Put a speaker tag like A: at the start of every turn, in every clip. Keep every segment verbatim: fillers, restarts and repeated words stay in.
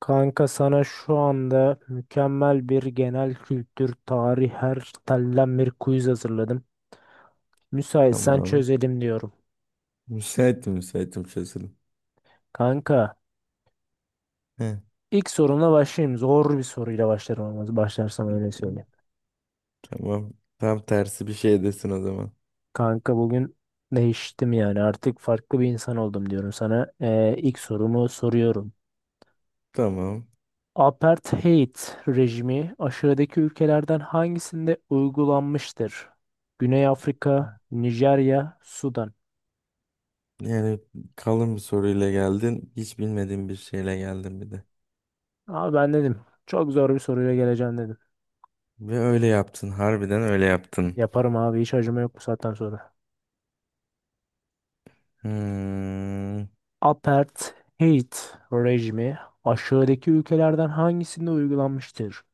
A: Kanka sana şu anda mükemmel bir genel kültür, tarih her telden bir quiz hazırladım. Müsaitsen
B: Tamam.
A: çözelim diyorum.
B: Müsaitim müsaitim çözülüm.
A: Kanka
B: Heh.
A: ilk sorumla başlayayım. Zor bir soruyla başlarım ama başlarsam öyle söyleyeyim.
B: Tamam. Tam tersi bir şey desin o zaman.
A: Kanka bugün değiştim yani artık farklı bir insan oldum diyorum sana. Ee, ilk sorumu soruyorum.
B: Tamam.
A: Apartheid rejimi aşağıdaki ülkelerden hangisinde uygulanmıştır? Güney Afrika, Nijerya, Sudan.
B: Yani kalın bir soruyla geldin. Hiç bilmediğim bir şeyle geldin bir de.
A: Abi ben dedim. Çok zor bir soruyla geleceğim dedim.
B: Ve öyle yaptın. Harbiden öyle yaptın.
A: Yaparım abi hiç acıma yok bu saatten sonra.
B: Hmm.
A: Apartheid rejimi aşağıdaki ülkelerden hangisinde uygulanmıştır?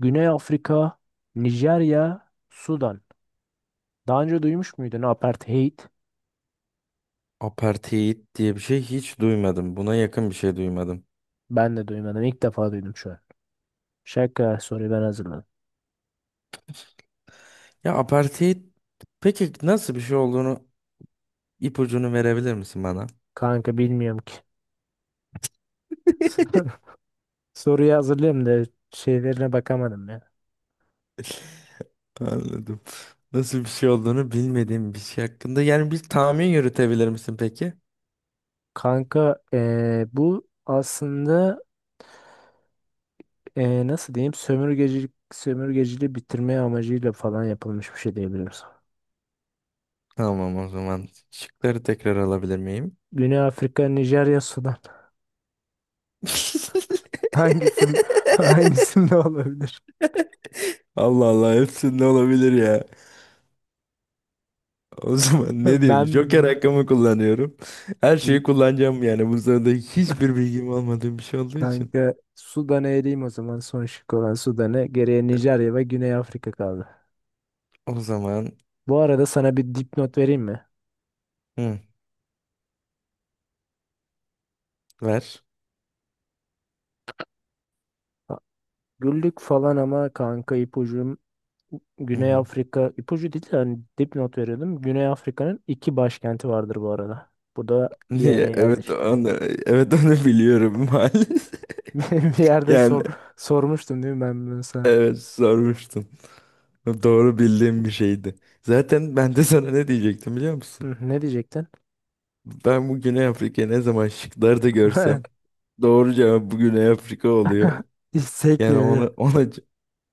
A: Güney Afrika, Nijerya, Sudan. Daha önce duymuş muydun apartheid?
B: Apartheid diye bir şey hiç duymadım. Buna yakın bir şey duymadım.
A: Ben de duymadım. İlk defa duydum şu an. Şaka soruyu ben hazırladım.
B: Ya apartheid peki nasıl bir şey olduğunu ipucunu verebilir misin bana?
A: Kanka bilmiyorum ki. Soruyu hazırlayayım da şeylerine bakamadım ya.
B: Anladım. Nasıl bir şey olduğunu bilmediğim bir şey hakkında. Yani bir tahmin yürütebilir misin peki?
A: Kanka eee, bu aslında Ee, nasıl diyeyim? Sömürgecilik, sömürgeciliği bitirme amacıyla falan yapılmış bir şey diyebiliriz.
B: Tamam o zaman. Şıkları tekrar alabilir miyim?
A: Güney Afrika, Nijerya, Sudan. Hangisin, hangisinde olabilir?
B: Allah Allah hepsinde olabilir ya. O zaman ne diyeyim? Joker
A: Ben
B: hakkımı kullanıyorum. Her şeyi kullanacağım yani. Bu sırada hiçbir bilgim olmadığı bir şey olduğu için.
A: kanka Sudan'a eleyim o zaman. Son şık olan Sudan'ı. Geriye Nijerya ve Güney Afrika kaldı.
B: O zaman
A: Bu arada sana bir dipnot vereyim mi?
B: hı, ver.
A: Ha, güldük falan ama kanka ipucum
B: Hı
A: Güney
B: hı.
A: Afrika ipucu değil de hani dipnot veriyordum. Güney Afrika'nın iki başkenti vardır bu arada. Bu da bir yere
B: Niye?
A: yaz
B: Evet
A: işte.
B: onu, evet onu biliyorum maalesef.
A: Bir yerde
B: Yani
A: sor sormuştum değil mi ben bunu sana?
B: evet sormuştun. Doğru bildiğim bir şeydi. Zaten ben de sana ne diyecektim biliyor musun?
A: Hı, ne diyecektin?
B: Ben bu Güney Afrika'yı ne zaman şıklarda görsem doğru cevap bu Güney Afrika oluyor.
A: Hiç
B: Yani
A: sekmiyor değil
B: ona
A: mi?
B: ona c-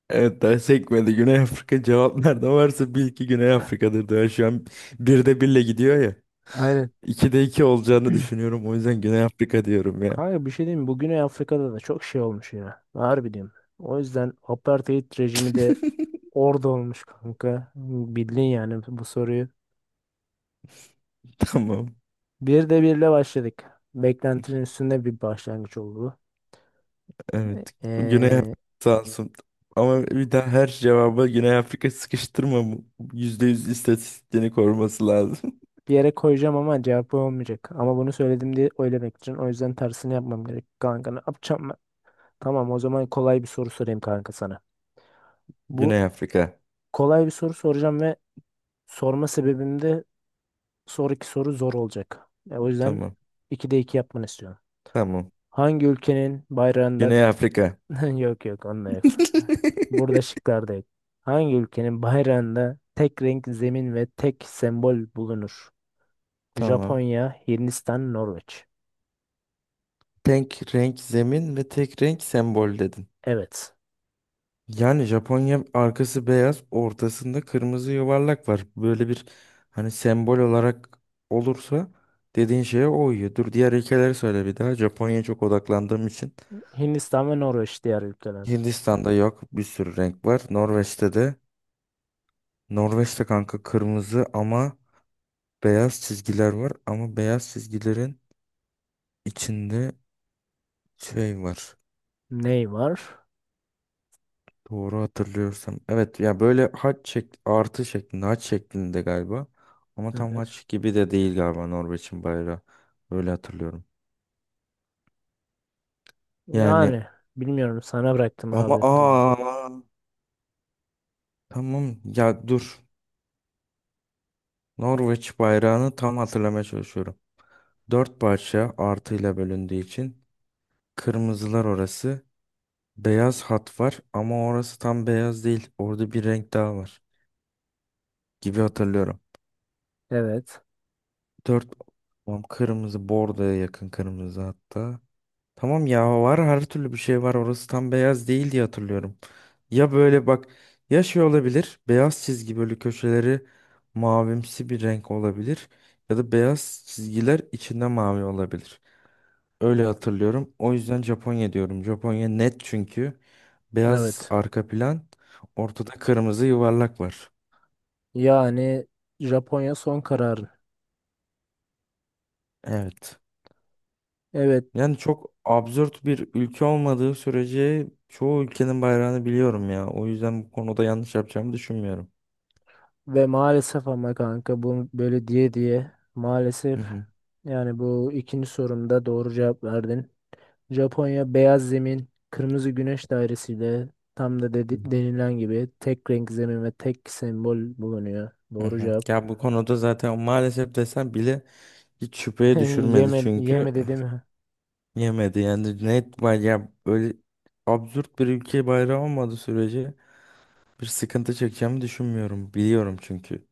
B: evet daha sekmedi, Güney Afrika cevap nerede varsa bil ki Güney Afrika'dır, daha şu an birde birle gidiyor ya.
A: Aynen.
B: İkide iki olacağını düşünüyorum, o yüzden Güney Afrika diyorum ya.
A: Kanka bir şey diyeyim mi? Bu Güney Afrika'da da çok şey olmuş ya. Harbi diyorum. O yüzden apartheid rejimi de orada olmuş kanka. Bildin yani bu soruyu.
B: Tamam,
A: Bir de birle başladık. Beklentinin üstünde bir başlangıç oldu.
B: evet Güney Afrika
A: Ee,
B: sağ olsun. Ama bir daha her cevaba Güney Afrika sıkıştırma. bu- Yüzde yüz istatistiğini koruması lazım.
A: bir yere koyacağım ama cevap olmayacak. Ama bunu söyledim diye oylamak için. O yüzden tersini yapmam gerek kanka. Ne yapacağım? Tamam o zaman kolay bir soru sorayım kanka sana. Bu
B: Güney Afrika.
A: kolay bir soru soracağım ve sorma sebebim de sonraki soru zor olacak. E, o yüzden
B: Tamam.
A: ikide iki yapmanı istiyorum.
B: Tamam.
A: Hangi ülkenin bayrağında
B: Güney Afrika.
A: yok yok onda yok. Burada şıklarda yok. Hangi ülkenin bayrağında tek renk zemin ve tek sembol bulunur?
B: Tamam.
A: Japonya, Hindistan, Norveç.
B: Tek renk zemin ve tek renk sembol dedin.
A: Evet.
B: Yani Japonya arkası beyaz, ortasında kırmızı yuvarlak var. Böyle bir, hani, sembol olarak olursa dediğin şeye o uyuyor. Dur, diğer ülkeleri söyle bir daha. Japonya'ya çok odaklandığım için.
A: Hindistan ve Norveç diğer ülkeler.
B: Hindistan'da yok, bir sürü renk var. Norveç'te de. Norveç'te kanka kırmızı ama beyaz çizgiler var. Ama beyaz çizgilerin içinde şey var.
A: Ney var?
B: Doğru hatırlıyorsam. Evet, ya böyle haç şek artı şeklinde, haç şeklinde galiba. Ama tam
A: Evet.
B: haç gibi de değil galiba Norveç'in bayrağı. Öyle hatırlıyorum. Yani,
A: Yani bilmiyorum sana bıraktım
B: ama
A: abi.
B: aa tamam ya, dur. Norveç bayrağını tam hatırlamaya çalışıyorum. Dört parça artıyla bölündüğü için kırmızılar orası. Beyaz hat var ama orası tam beyaz değil. Orada bir renk daha var gibi hatırlıyorum.
A: Evet.
B: Dört, tamam, kırmızı bordoya yakın kırmızı hatta. Tamam ya, var, her türlü bir şey var, orası tam beyaz değil diye hatırlıyorum. Ya böyle bak, ya şey olabilir, beyaz çizgi böyle köşeleri mavimsi bir renk olabilir. Ya da beyaz çizgiler içinde mavi olabilir. Öyle hatırlıyorum. O yüzden Japonya diyorum. Japonya net çünkü. Beyaz
A: Evet.
B: arka plan, ortada kırmızı yuvarlak var.
A: Yani Japonya son kararı.
B: Evet.
A: Evet
B: Yani çok absürt bir ülke olmadığı sürece çoğu ülkenin bayrağını biliyorum ya. O yüzden bu konuda yanlış yapacağımı düşünmüyorum.
A: ve maalesef ama kanka bu böyle diye diye maalesef
B: Hı hı.
A: yani bu ikinci sorumda doğru cevap verdin. Japonya beyaz zemin, kırmızı güneş dairesiyle tam da
B: Hı hı.
A: dedi- denilen gibi tek renk zemin ve tek sembol bulunuyor. Doğru cevap.
B: Ya bu konuda zaten maalesef desem bile hiç şüpheye düşürmedi
A: Yeme,
B: çünkü
A: yeme dedim.
B: yemedi yani, net bay- ya böyle absürt bir ülke bayrağı olmadığı sürece bir sıkıntı çekeceğimi düşünmüyorum, biliyorum çünkü.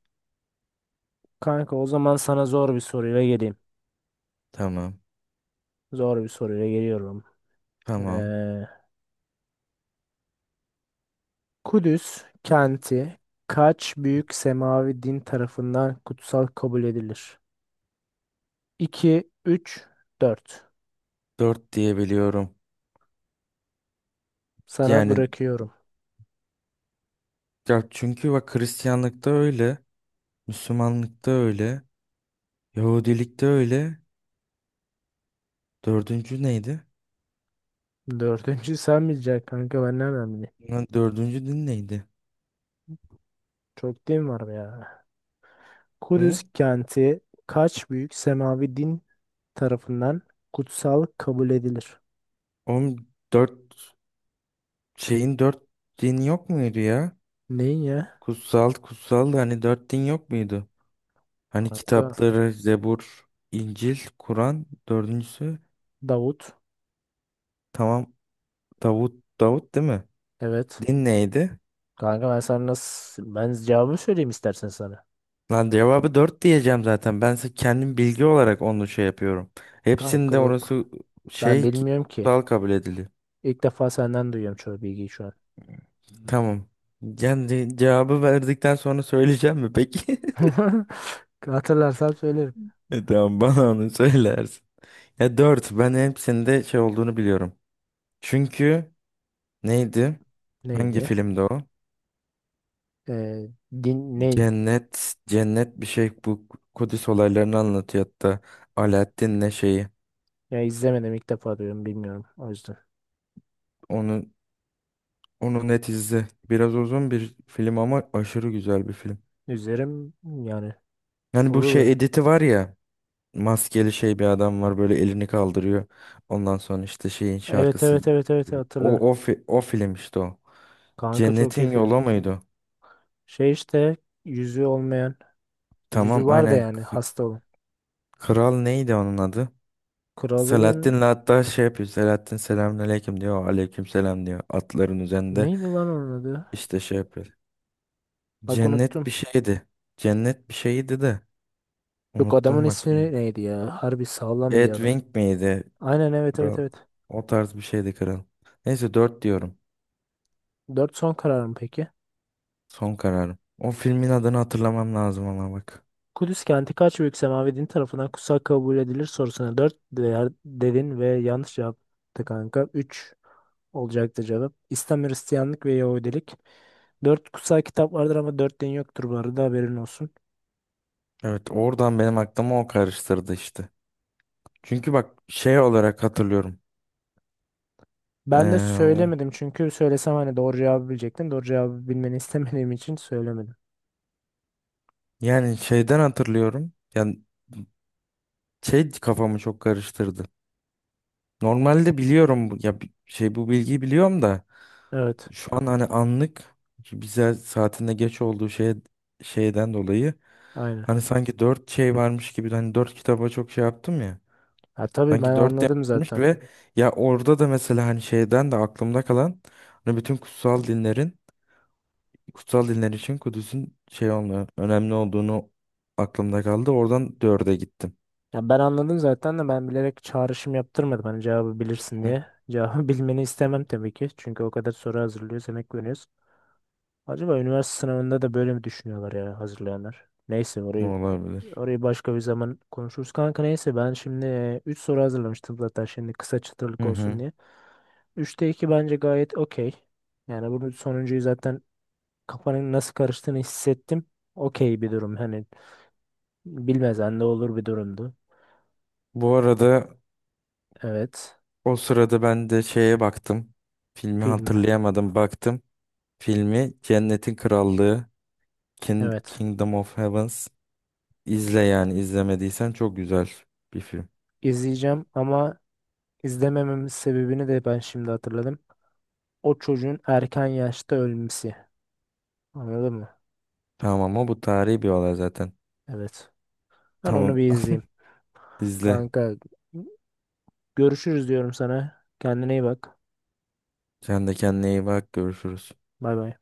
A: Kanka o zaman sana zor bir soruyla geleyim.
B: Tamam.
A: Zor bir soruyla geliyorum.
B: Tamam,
A: Ee, Kudüs kenti kaç büyük semavi din tarafından kutsal kabul edilir? iki, üç, dört.
B: dört diye biliyorum
A: Sana
B: yani.
A: bırakıyorum.
B: Ya çünkü bak, Hristiyanlıkta öyle, Müslümanlıkta öyle, Yahudilikte öyle. Dördüncü neydi?
A: Dördüncü sen bileceksin kanka ben nereden bileyim?
B: Lan, dördüncü din neydi?
A: Çok din var be ya.
B: Hı?
A: Kudüs kenti kaç büyük semavi din tarafından kutsal kabul edilir?
B: Oğlum, dört şeyin dört dini yok muydu ya?
A: Neyin ya?
B: Kutsal, kutsal da hani dört din yok muydu? Hani
A: Kanka
B: kitapları Zebur, İncil, Kur'an, dördüncüsü,
A: Davut.
B: tamam, Davut. Davut değil mi?
A: Evet.
B: Din neydi?
A: Kanka ben sana nasıl... Ben cevabı söyleyeyim istersen sana.
B: Lan, cevabı dört diyeceğim zaten. Ben se- kendim bilgi olarak onu şey yapıyorum.
A: Kanka
B: Hepsinde orası
A: yok. Ben
B: şey ki-
A: bilmiyorum ki.
B: kutsal kabul ediliyor.
A: İlk defa senden duyuyorum çoğu bilgiyi şu an.
B: Tamam. Yani cevabı verdikten sonra söyleyeceğim mi peki?
A: Hatırlarsan söylerim.
B: E, tamam, bana onu söylersin. Ya dört, ben hepsinde şey olduğunu biliyorum. Çünkü neydi? Hangi
A: Neydi?
B: filmde o?
A: Ee, din, ne?
B: Cennet, cennet bir şey, bu Kudüs olaylarını anlatıyor hatta. Alaaddin'le şeyi.
A: Ya izlemedim ilk defa duyuyorum bilmiyorum o yüzden.
B: Onu, onu net izle. Biraz uzun bir film ama aşırı güzel bir film.
A: İzlerim yani
B: Yani bu
A: olur
B: şey
A: ya.
B: editi var ya. Maskeli şey bir adam var, böyle elini kaldırıyor. Ondan sonra işte şeyin
A: Evet,
B: şarkısı
A: evet, evet, evet,
B: giriyor.
A: hatırladım.
B: O o fi- o film işte o.
A: Kanka çok iyi
B: Cennetin
A: film.
B: Yolu muydu?
A: Şey işte yüzü olmayan
B: Tamam
A: yüzü var da
B: aynen.
A: yani
B: K-
A: hasta olan.
B: Kral neydi onun adı? Selahattin'le
A: Kralın
B: hatta şey yapıyor. Selahattin selamünaleyküm diyor. Aleyküm selam diyor. Atların üzerinde
A: neydi lan onun adı?
B: işte şey yapıyor.
A: Bak
B: Cennet
A: unuttum.
B: bir şeydi. Cennet bir şeydi de.
A: Yok adamın
B: Unuttum bak.
A: ismi neydi ya? Harbi sağlam bir adam.
B: Edwin miydi?
A: Aynen, evet,
B: Kral.
A: evet, evet.
B: O tarz bir şeydi kral. Neyse, dört diyorum.
A: Dört son karar mı peki?
B: Son kararım. O filmin adını hatırlamam lazım ama bak.
A: Kudüs kenti kaç büyük semavi din tarafından kutsal kabul edilir sorusuna dört değer dedin ve yanlış yaptı kanka. Üç olacaktı cevap. İslam, Hristiyanlık ve Yahudilik. Dört kutsal kitap vardır ama dört din yoktur bu arada haberin olsun.
B: Evet, oradan benim aklıma o karıştırdı işte. Çünkü bak, şey olarak hatırlıyorum.
A: Ben de
B: Ee, o,
A: söylemedim çünkü söylesem hani doğru cevabı bilecektim. Doğru cevabı bilmeni istemediğim için söylemedim.
B: Yani şeyden hatırlıyorum. Yani şey kafamı çok karıştırdı. Normalde biliyorum bu- ya bi- şey, bu bilgiyi biliyorum da
A: Evet,
B: şu an hani anlık bize saatinde geç olduğu şey şeyden dolayı
A: aynen.
B: hani sanki dört şey varmış gibi, hani dört kitaba çok şey yaptım ya.
A: Ha, tabii
B: Sanki
A: ben
B: dört
A: anladım
B: yapmış
A: zaten.
B: ve ya orada da mesela hani şeyden de aklımda kalan, hani bütün kutsal dinlerin kutsal dinler için Kudüs'ün şey olmuyor, önemli olduğunu aklımda kaldı. Oradan dörde gittim.
A: Ya ben anladım zaten de ben bilerek çağrışım yaptırmadım hani cevabı bilirsin
B: Hı.
A: diye. Cevabı bilmeni istemem tabii ki. Çünkü o kadar soru hazırlıyoruz, emek veriyoruz. Acaba üniversite sınavında da böyle mi düşünüyorlar ya hazırlayanlar? Neyse orayı
B: Olabilir.
A: orayı başka bir zaman konuşuruz. Kanka neyse ben şimdi e, üç soru hazırlamıştım zaten şimdi kısa çıtırlık
B: Hı
A: olsun
B: hı.
A: diye. üçte iki bence gayet okey. Yani bunun sonuncuyu zaten kafanın nasıl karıştığını hissettim. Okey bir durum hani bilmezen de olur bir durumdu.
B: Bu arada
A: Evet.
B: o sırada ben de şeye baktım. Filmi
A: Film.
B: hatırlayamadım, baktım. Filmi Cennetin Krallığı, King,
A: Evet.
B: Kingdom of Heavens. İzle yani, izlemediysen çok güzel bir film.
A: İzleyeceğim ama izlemememin sebebini de ben şimdi hatırladım. O çocuğun erken yaşta ölmesi. Anladın mı?
B: Tamam, ama bu tarihi bir olay zaten.
A: Evet. Ben
B: Tamam.
A: onu bir izleyeyim.
B: İzle.
A: Kanka görüşürüz diyorum sana. Kendine iyi bak.
B: Sen de kendine iyi bak. Görüşürüz.
A: Bay bay.